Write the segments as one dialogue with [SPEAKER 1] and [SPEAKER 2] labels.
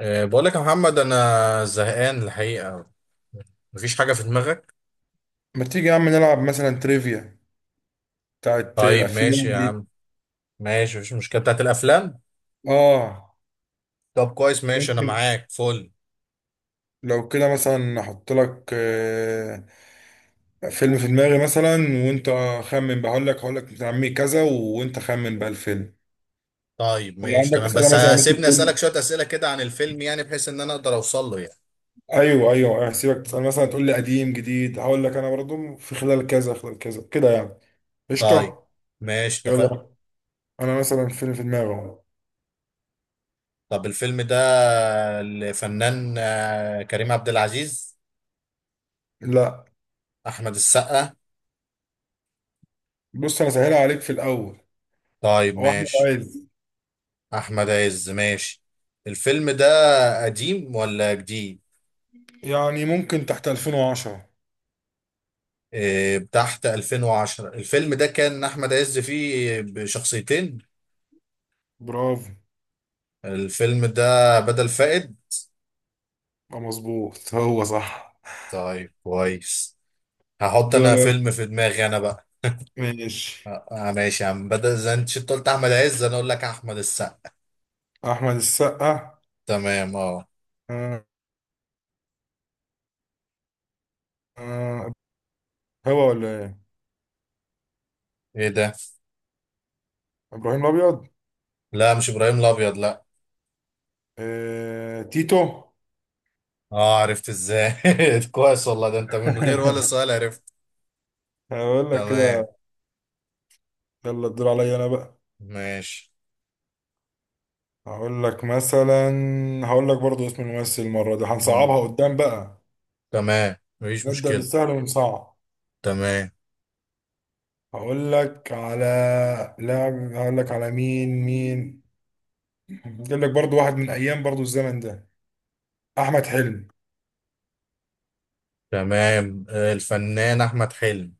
[SPEAKER 1] بقول لك يا محمد انا زهقان الحقيقه. مفيش حاجه في دماغك؟
[SPEAKER 2] ما تيجي يا عم نلعب مثلا تريفيا بتاعت
[SPEAKER 1] طيب
[SPEAKER 2] الافلام
[SPEAKER 1] ماشي يا
[SPEAKER 2] دي.
[SPEAKER 1] عم. ماشي، مفيش مشكله بتاعت الافلام.
[SPEAKER 2] اه،
[SPEAKER 1] طب كويس ماشي، انا
[SPEAKER 2] ممكن
[SPEAKER 1] معاك فل.
[SPEAKER 2] لو كده مثلا احط لك فيلم في دماغي مثلا، وانت خمن بقى. هقول لك بتاع عمي كذا وانت خمن بقى الفيلم،
[SPEAKER 1] طيب
[SPEAKER 2] ولو
[SPEAKER 1] ماشي
[SPEAKER 2] عندك
[SPEAKER 1] تمام، بس
[SPEAKER 2] اسئله مثلا ممكن
[SPEAKER 1] سيبني اسالك
[SPEAKER 2] تقول.
[SPEAKER 1] شويه اسئله كده عن الفيلم، يعني بحيث ان انا اقدر اوصل له يعني.
[SPEAKER 2] ايوه، هسيبك تسال مثلا تقول لي قديم جديد، هقول لك انا برضو في خلال كذا خلال كذا كده يعني.
[SPEAKER 1] طيب
[SPEAKER 2] قشطه.
[SPEAKER 1] ماشي اتفقنا.
[SPEAKER 2] يلا انا مثلا فيلم في دماغي اهو.
[SPEAKER 1] طب الفيلم ده الفنان كريم عبد العزيز؟
[SPEAKER 2] لا،
[SPEAKER 1] احمد السقا؟
[SPEAKER 2] بص انا سهلها عليك في الاول،
[SPEAKER 1] طيب
[SPEAKER 2] هو احمد
[SPEAKER 1] ماشي.
[SPEAKER 2] عز.
[SPEAKER 1] احمد عز ماشي. الفيلم ده قديم ولا جديد؟
[SPEAKER 2] يعني ممكن تحت 2010.
[SPEAKER 1] تحت 2010 الفيلم ده كان احمد عز فيه بشخصيتين.
[SPEAKER 2] برافو.
[SPEAKER 1] الفيلم ده بدل فائد.
[SPEAKER 2] مظبوط هو صح.
[SPEAKER 1] طيب كويس. هحط انا
[SPEAKER 2] دورك،
[SPEAKER 1] فيلم في دماغي انا بقى.
[SPEAKER 2] ماشي.
[SPEAKER 1] ماشي يا عم، بدل زي انت شفت قلت احمد عز انا اقول لك احمد السقا.
[SPEAKER 2] احمد السقا.
[SPEAKER 1] تمام اه.
[SPEAKER 2] آه، آه، هو ولا ايه؟
[SPEAKER 1] ايه ده؟
[SPEAKER 2] ابراهيم الابيض.
[SPEAKER 1] لا مش ابراهيم الابيض لا.
[SPEAKER 2] آه، تيتو.
[SPEAKER 1] اه، عرفت ازاي؟ كويس والله، ده انت من غير ولا سؤال عرفت.
[SPEAKER 2] هقول لك
[SPEAKER 1] تمام.
[SPEAKER 2] كده. يلا الدور عليا انا بقى.
[SPEAKER 1] ماشي.
[SPEAKER 2] هقول لك مثلا، هقول لك برضو اسم الممثل، المره دي
[SPEAKER 1] مم.
[SPEAKER 2] هنصعبها قدام بقى.
[SPEAKER 1] تمام مفيش
[SPEAKER 2] نبدا
[SPEAKER 1] مشكلة.
[SPEAKER 2] بالسهل ونصعب.
[SPEAKER 1] تمام.
[SPEAKER 2] هقول لك على لاعب، هقول لك على مين. اجيب لك برضو واحد من ايام برضو الزمن ده، احمد حلمي.
[SPEAKER 1] تمام الفنان احمد حلمي.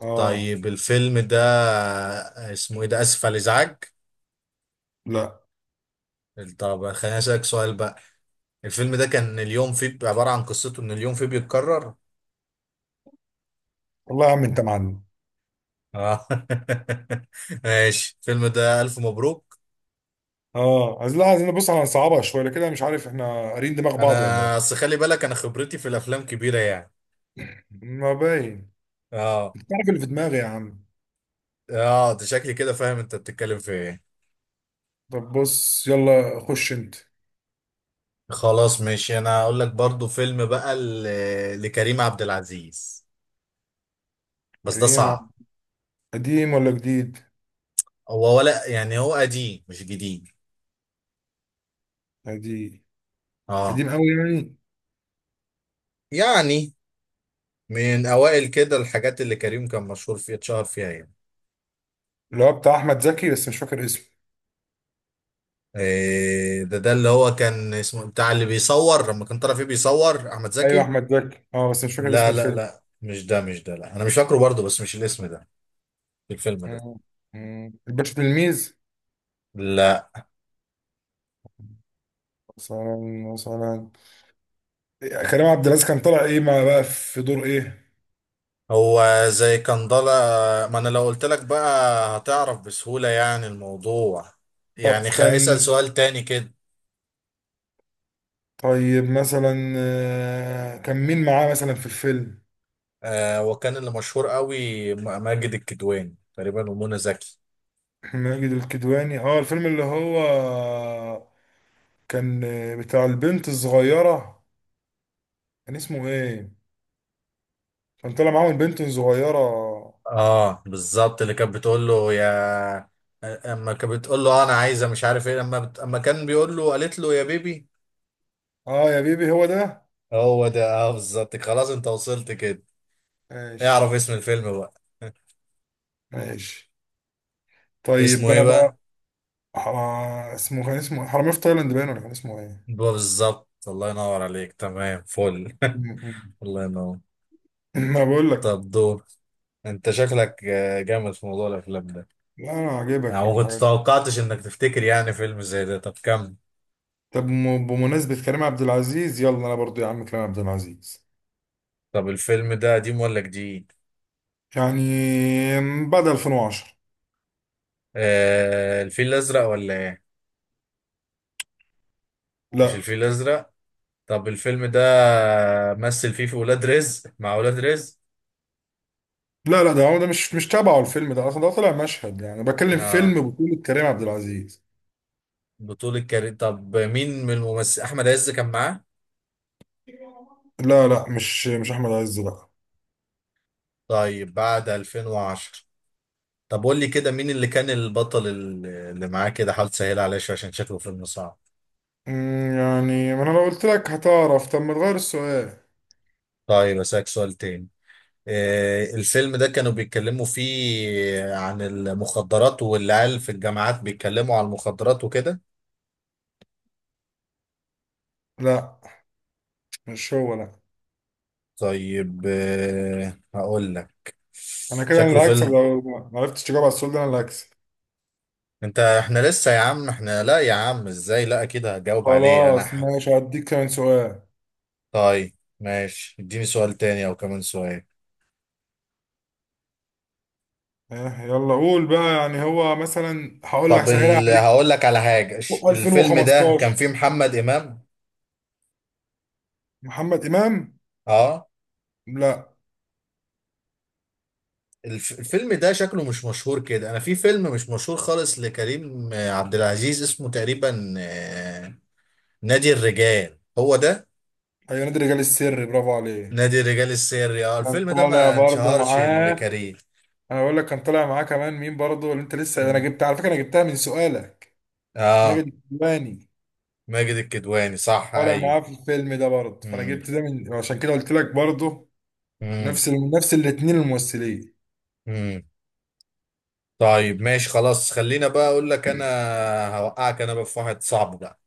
[SPEAKER 2] اه.
[SPEAKER 1] طيب الفيلم ده اسمه ايه؟ ده اسف على الازعاج؟
[SPEAKER 2] لا
[SPEAKER 1] طب خليني اسالك سؤال بقى. الفيلم ده كان اليوم فيه عباره عن قصته ان اليوم فيه بيتكرر.
[SPEAKER 2] والله يا عم انت معلم.
[SPEAKER 1] اه ماشي الفيلم ده الف مبروك.
[SPEAKER 2] اه، عايز، لا عايزين نبص على صعبة شويه لكده. مش عارف احنا قارين دماغ بعض ولا
[SPEAKER 1] انا
[SPEAKER 2] ايه.
[SPEAKER 1] اصل خلي بالك انا خبرتي في الافلام كبيره يعني.
[SPEAKER 2] ما باين.
[SPEAKER 1] اه.
[SPEAKER 2] انت عارف اللي في دماغي يا عم.
[SPEAKER 1] اه، ده شكلي كده فاهم انت بتتكلم في ايه.
[SPEAKER 2] طب بص يلا خش انت.
[SPEAKER 1] خلاص ماشي، انا هقول لك برضو فيلم بقى لكريم عبد العزيز، بس ده
[SPEAKER 2] قديم.
[SPEAKER 1] صعب.
[SPEAKER 2] قديم ولا جديد؟
[SPEAKER 1] هو ولا يعني هو قديم مش جديد.
[SPEAKER 2] قديم.
[SPEAKER 1] اه.
[SPEAKER 2] قديم قوي يعني.
[SPEAKER 1] يعني من اوائل كده الحاجات اللي كريم كان مشهور فيها، اتشهر فيها يعني.
[SPEAKER 2] اللي هو بتاع احمد زكي بس مش فاكر اسمه.
[SPEAKER 1] إيه ده؟ ده اللي هو كان اسمه بتاع اللي بيصور لما كان طالع فيه بيصور احمد
[SPEAKER 2] ايوه
[SPEAKER 1] زكي.
[SPEAKER 2] احمد زكي، اه بس مش فاكر اسم
[SPEAKER 1] لا لا
[SPEAKER 2] الفيلم.
[SPEAKER 1] لا مش ده، مش ده، لا انا مش فاكره برضه، بس مش الاسم ده. الفيلم ده
[SPEAKER 2] مم. مم. الباشا تلميذ
[SPEAKER 1] لا.
[SPEAKER 2] مثلا. مثلا كريم عبد العزيز كان طالع ايه؟ ما بقى في دور ايه؟
[SPEAKER 1] هو زي كان ضلا. ما انا لو قلت لك بقى هتعرف بسهولة يعني الموضوع.
[SPEAKER 2] طب
[SPEAKER 1] يعني
[SPEAKER 2] كان،
[SPEAKER 1] اسأل سؤال تاني كده.
[SPEAKER 2] طيب مثلا كان مين معاه مثلا في الفيلم؟
[SPEAKER 1] آه، وكان اللي مشهور قوي ماجد الكدواني تقريبا ومنى زكي.
[SPEAKER 2] ماجد الكدواني، اه الفيلم اللي هو كان بتاع البنت الصغيرة، كان اسمه ايه؟ كان طالع معاهم البنت الصغيرة.
[SPEAKER 1] اه بالظبط، اللي كانت بتقول له يا، اما كانت بتقول له انا عايزه مش عارف ايه، اما اما كان بيقول له قالت له يا بيبي.
[SPEAKER 2] اه يا بيبي، هو ده.
[SPEAKER 1] هو ده اه بالظبط، خلاص انت وصلت كده. اعرف
[SPEAKER 2] ماشي.
[SPEAKER 1] اسم الفيلم بقى.
[SPEAKER 2] ماشي.
[SPEAKER 1] اسمه
[SPEAKER 2] طيب
[SPEAKER 1] ايه
[SPEAKER 2] انا بقى،
[SPEAKER 1] بقى؟
[SPEAKER 2] اسمه، كان اسمه إيه؟ حرامية في تايلاند باين، ولا كان اسمه ايه؟
[SPEAKER 1] بقى بالظبط، الله ينور عليك، تمام فل. الله ينور.
[SPEAKER 2] ما بقول لك.
[SPEAKER 1] طب دور. انت شكلك جامد في موضوع الافلام ده.
[SPEAKER 2] لا انا
[SPEAKER 1] انا
[SPEAKER 2] عاجبك
[SPEAKER 1] ما كنت
[SPEAKER 2] الحاجات دي.
[SPEAKER 1] توقعتش انك تفتكر يعني فيلم زي ده. طب كم؟
[SPEAKER 2] طب بمناسبة كريم عبد العزيز، يلا انا برضو يا عم كريم عبد العزيز.
[SPEAKER 1] طب الفيلم ده قديم ولا جديد؟
[SPEAKER 2] يعني بعد 2010.
[SPEAKER 1] آه، الفيل الازرق ولا ايه؟ مش
[SPEAKER 2] لا
[SPEAKER 1] الفيل الازرق؟ طب الفيلم ده مثل فيه في ولاد رزق، مع ولاد رزق؟
[SPEAKER 2] لا لا ده هو ده مش تبعه، الفيلم ده اصلا ده طلع مشهد، يعني بكلم
[SPEAKER 1] اه.
[SPEAKER 2] فيلم بطولة كريم عبد العزيز.
[SPEAKER 1] بطولة كريم. طب مين من الممثل؟ احمد عز كان معاه؟
[SPEAKER 2] لا لا، مش احمد عز لا.
[SPEAKER 1] طيب بعد 2010. طب قول لي كده مين اللي كان البطل اللي معاه كده، حاول تسهل عليا شويه عشان شكله فيلم صعب.
[SPEAKER 2] يعني ما انا لو قلت لك هتعرف، طب ما تغير السؤال.
[SPEAKER 1] طيب اسالك سؤال تاني. آه، الفيلم ده كانوا بيتكلموا فيه عن المخدرات والعيال في الجامعات بيتكلموا عن المخدرات وكده؟
[SPEAKER 2] لا مش هو لا.
[SPEAKER 1] طيب آه، هقول لك.
[SPEAKER 2] انا كده انا
[SPEAKER 1] شكله
[SPEAKER 2] اللي هكسب،
[SPEAKER 1] فيلم.
[SPEAKER 2] لو ما عرفتش تجاوب على السؤال ده انا اللي هكسب.
[SPEAKER 1] انت، احنا لسه يا عم، احنا لا يا عم ازاي، لا اكيد هجاوب عليه انا
[SPEAKER 2] خلاص ماشي هديك كمان سؤال.
[SPEAKER 1] طيب ماشي، اديني سؤال تاني او كمان سؤال.
[SPEAKER 2] يلا قول بقى، يعني هو مثلا هقول لك
[SPEAKER 1] طب
[SPEAKER 2] سهلها عليك.
[SPEAKER 1] هقول لك على حاجة، الفيلم ده كان
[SPEAKER 2] 2015،
[SPEAKER 1] فيه محمد امام؟
[SPEAKER 2] محمد امام.
[SPEAKER 1] اه.
[SPEAKER 2] لا.
[SPEAKER 1] الفيلم ده شكله مش مشهور كده، انا في فيلم مش مشهور خالص لكريم عبد العزيز اسمه تقريبا نادي الرجال، هو ده.
[SPEAKER 2] ايوه، نادي الرجال السري، برافو عليه.
[SPEAKER 1] نادي الرجال السري، اه.
[SPEAKER 2] كان
[SPEAKER 1] الفيلم ده
[SPEAKER 2] طالع
[SPEAKER 1] ما
[SPEAKER 2] برضو
[SPEAKER 1] انشهرش
[SPEAKER 2] معاه.
[SPEAKER 1] لكريم.
[SPEAKER 2] انا بقول لك كان طالع معاه كمان مين برضو، اللي انت لسه انا
[SPEAKER 1] مم.
[SPEAKER 2] جبتها على فكره، انا جبتها من سؤالك. ماجد
[SPEAKER 1] اه.
[SPEAKER 2] الكدواني.
[SPEAKER 1] ماجد الكدواني صح،
[SPEAKER 2] طالع
[SPEAKER 1] ايوه.
[SPEAKER 2] معاه في الفيلم ده برضو، فانا
[SPEAKER 1] مم.
[SPEAKER 2] جبت ده من عشان كده قلت لك برضو.
[SPEAKER 1] مم.
[SPEAKER 2] نفس الاتنين الممثلين.
[SPEAKER 1] امم. طيب ماشي، خلاص خلينا بقى اقول لك انا. هوقعك انا بقى في واحد صعب بقى.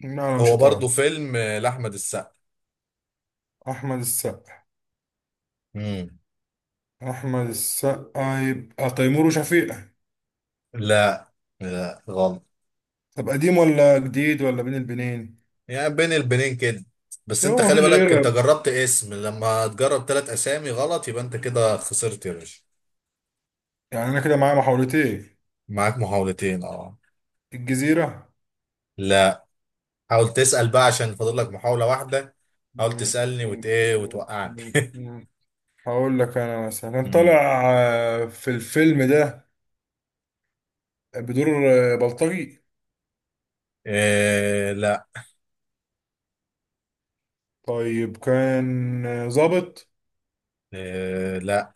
[SPEAKER 2] لا انا مش
[SPEAKER 1] هو برضو
[SPEAKER 2] هطار.
[SPEAKER 1] فيلم لاحمد السقا.
[SPEAKER 2] احمد السقا.
[SPEAKER 1] امم.
[SPEAKER 2] احمد السقا يبقى تيمور وشفيقة.
[SPEAKER 1] لا. لا غلط.
[SPEAKER 2] طب قديم ولا جديد، ولا بين البنين؟
[SPEAKER 1] يعني بين البنين كده. بس
[SPEAKER 2] ده
[SPEAKER 1] انت
[SPEAKER 2] هو
[SPEAKER 1] خلي
[SPEAKER 2] مفيش
[SPEAKER 1] بالك، انت
[SPEAKER 2] غيره،
[SPEAKER 1] جربت اسم، لما تجرب ثلاث اسامي غلط يبقى انت كده خسرت يا باشا.
[SPEAKER 2] يعني انا كده معايا محاولتين.
[SPEAKER 1] معاك محاولتين اه.
[SPEAKER 2] الجزيره.
[SPEAKER 1] لا. حاول تسأل بقى عشان فاضل لك محاولة واحدة. حاول
[SPEAKER 2] مم،
[SPEAKER 1] تسألني وت
[SPEAKER 2] مم،
[SPEAKER 1] ايه
[SPEAKER 2] مم،
[SPEAKER 1] وتوقعني.
[SPEAKER 2] مم، مم. هقول لك انا مثلا كان
[SPEAKER 1] امم.
[SPEAKER 2] طالع في الفيلم ده بدور بلطجي.
[SPEAKER 1] إيه لا.
[SPEAKER 2] طيب كان ظابط.
[SPEAKER 1] إيه لا.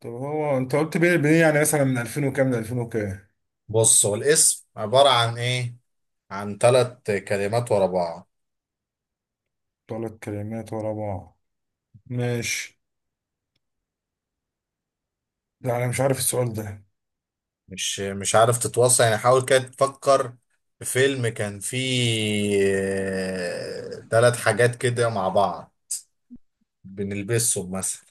[SPEAKER 2] طب هو انت قلت بيه بيه، يعني مثلا من 2000 وكام ل 2000 وكام؟
[SPEAKER 1] بص، هو الاسم عبارة عن ايه؟ عن ثلاث كلمات ورا بعض.
[SPEAKER 2] ثلاث كلمات ورا بعض، ماشي. لا انا مش عارف السؤال ده.
[SPEAKER 1] مش عارف تتوصل يعني؟ حاول كده تفكر في فيلم كان فيه ثلاث حاجات كده مع بعض، بنلبسهم مثلا.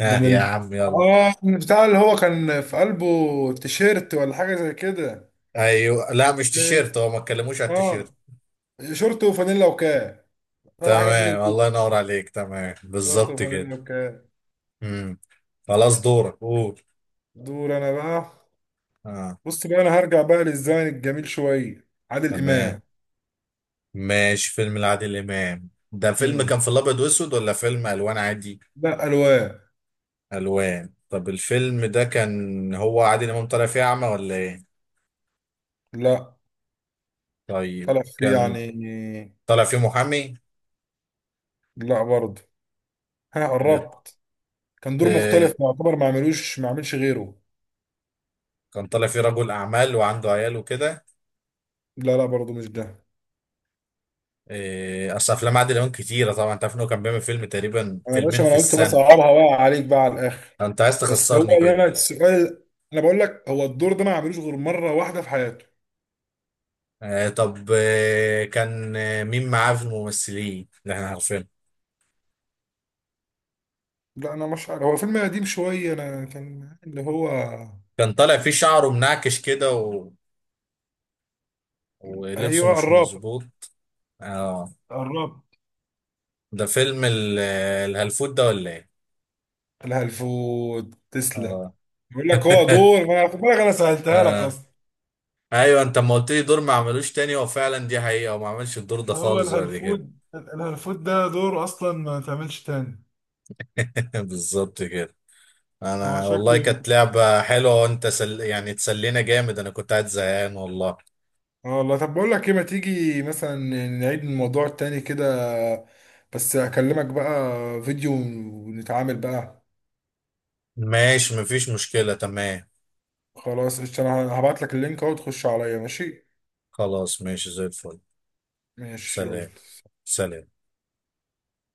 [SPEAKER 1] اه
[SPEAKER 2] من
[SPEAKER 1] يا
[SPEAKER 2] ال...
[SPEAKER 1] عم يلا.
[SPEAKER 2] اه من بتاع اللي هو كان في قلبه تيشيرت ولا حاجه زي كده.
[SPEAKER 1] ايوه لا، مش تيشيرت، هو ما اتكلموش على التيشيرت.
[SPEAKER 2] اه، شورت وفانيلا وكاب، طلع حاجات من
[SPEAKER 1] تمام
[SPEAKER 2] البيت.
[SPEAKER 1] الله ينور عليك، تمام
[SPEAKER 2] شورت
[SPEAKER 1] بالظبط كده.
[SPEAKER 2] وفانيلا وكاب.
[SPEAKER 1] امم. خلاص دورك قول.
[SPEAKER 2] دور انا بقى.
[SPEAKER 1] اه.
[SPEAKER 2] بص بقى انا هرجع بقى للزمن الجميل شويه، عادل
[SPEAKER 1] تمام
[SPEAKER 2] امام.
[SPEAKER 1] ماشي. فيلم لعادل إمام ده، فيلم
[SPEAKER 2] امم،
[SPEAKER 1] كان في الأبيض وأسود ولا فيلم ألوان عادي؟
[SPEAKER 2] لا الوان.
[SPEAKER 1] ألوان. طب الفيلم ده كان هو عادل إمام طالع فيه أعمى ولا إيه؟
[SPEAKER 2] لا،
[SPEAKER 1] طيب
[SPEAKER 2] طلع فيه
[SPEAKER 1] كان
[SPEAKER 2] يعني.
[SPEAKER 1] طالع فيه محامي؟
[SPEAKER 2] لا برضه، ها
[SPEAKER 1] آه.
[SPEAKER 2] قربت. كان دور
[SPEAKER 1] آه.
[SPEAKER 2] مختلف يعتبر، ما عملش غيره.
[SPEAKER 1] كان طالع فيه رجل أعمال وعنده عيال وكده.
[SPEAKER 2] لا لا برضه، مش ده.
[SPEAKER 1] آه. أصل أفلام عادل إمام كتيرة طبعا، أنت عارف إن هو كان بيعمل فيلم تقريبا
[SPEAKER 2] انا يا باشا،
[SPEAKER 1] فيلمين
[SPEAKER 2] ما
[SPEAKER 1] في
[SPEAKER 2] انا قلت بس
[SPEAKER 1] السنة.
[SPEAKER 2] اصعبها بقى عليك بقى على الاخر.
[SPEAKER 1] أنت عايز
[SPEAKER 2] بس هو
[SPEAKER 1] تخسرني
[SPEAKER 2] اللي
[SPEAKER 1] كده.
[SPEAKER 2] انا السؤال، انا بقول لك هو الدور ده ما عملوش غير مره واحده في حياته.
[SPEAKER 1] آه. طب آه، كان مين معاه في الممثلين اللي إحنا عارفينه؟
[SPEAKER 2] لا انا مش عارف، هو فيلم قديم شويه انا كان اللي هو.
[SPEAKER 1] كان طالع فيه شعره منعكش كده ولبسه
[SPEAKER 2] ايوه
[SPEAKER 1] مش
[SPEAKER 2] قربت.
[SPEAKER 1] مظبوط. اه.
[SPEAKER 2] قربت.
[SPEAKER 1] ده فيلم الهلفوت ده ولا ايه؟
[SPEAKER 2] لها الفود، تسلم.
[SPEAKER 1] اه
[SPEAKER 2] بيقول لك هو دور، ما انا خد بالك انا سهلتها لك
[SPEAKER 1] اه.
[SPEAKER 2] اصلا.
[SPEAKER 1] ايوه انت ما قلت لي دور ما عملوش تاني، هو فعلا دي حقيقة وما عملش الدور ده
[SPEAKER 2] هو
[SPEAKER 1] خالص بعد كده.
[SPEAKER 2] الهلفود، الهلفود ده دوره اصلا ما تعملش تاني.
[SPEAKER 1] بالظبط كده.
[SPEAKER 2] هو
[SPEAKER 1] انا والله
[SPEAKER 2] شكله،
[SPEAKER 1] كانت لعبة حلوة، وانت يعني تسلينا جامد، انا كنت قاعد زهقان والله.
[SPEAKER 2] اه والله. طب بقول لك ايه، ما تيجي مثلا نعيد الموضوع التاني كده، بس اكلمك بقى فيديو ونتعامل بقى.
[SPEAKER 1] ماشي مفيش مشكلة تمام.
[SPEAKER 2] خلاص قشطة، انا هبعت لك اللينك اهو تخش عليا، ماشي؟
[SPEAKER 1] خلاص ماشي زي الفل.
[SPEAKER 2] ماشي يلا.
[SPEAKER 1] سلام. سلام.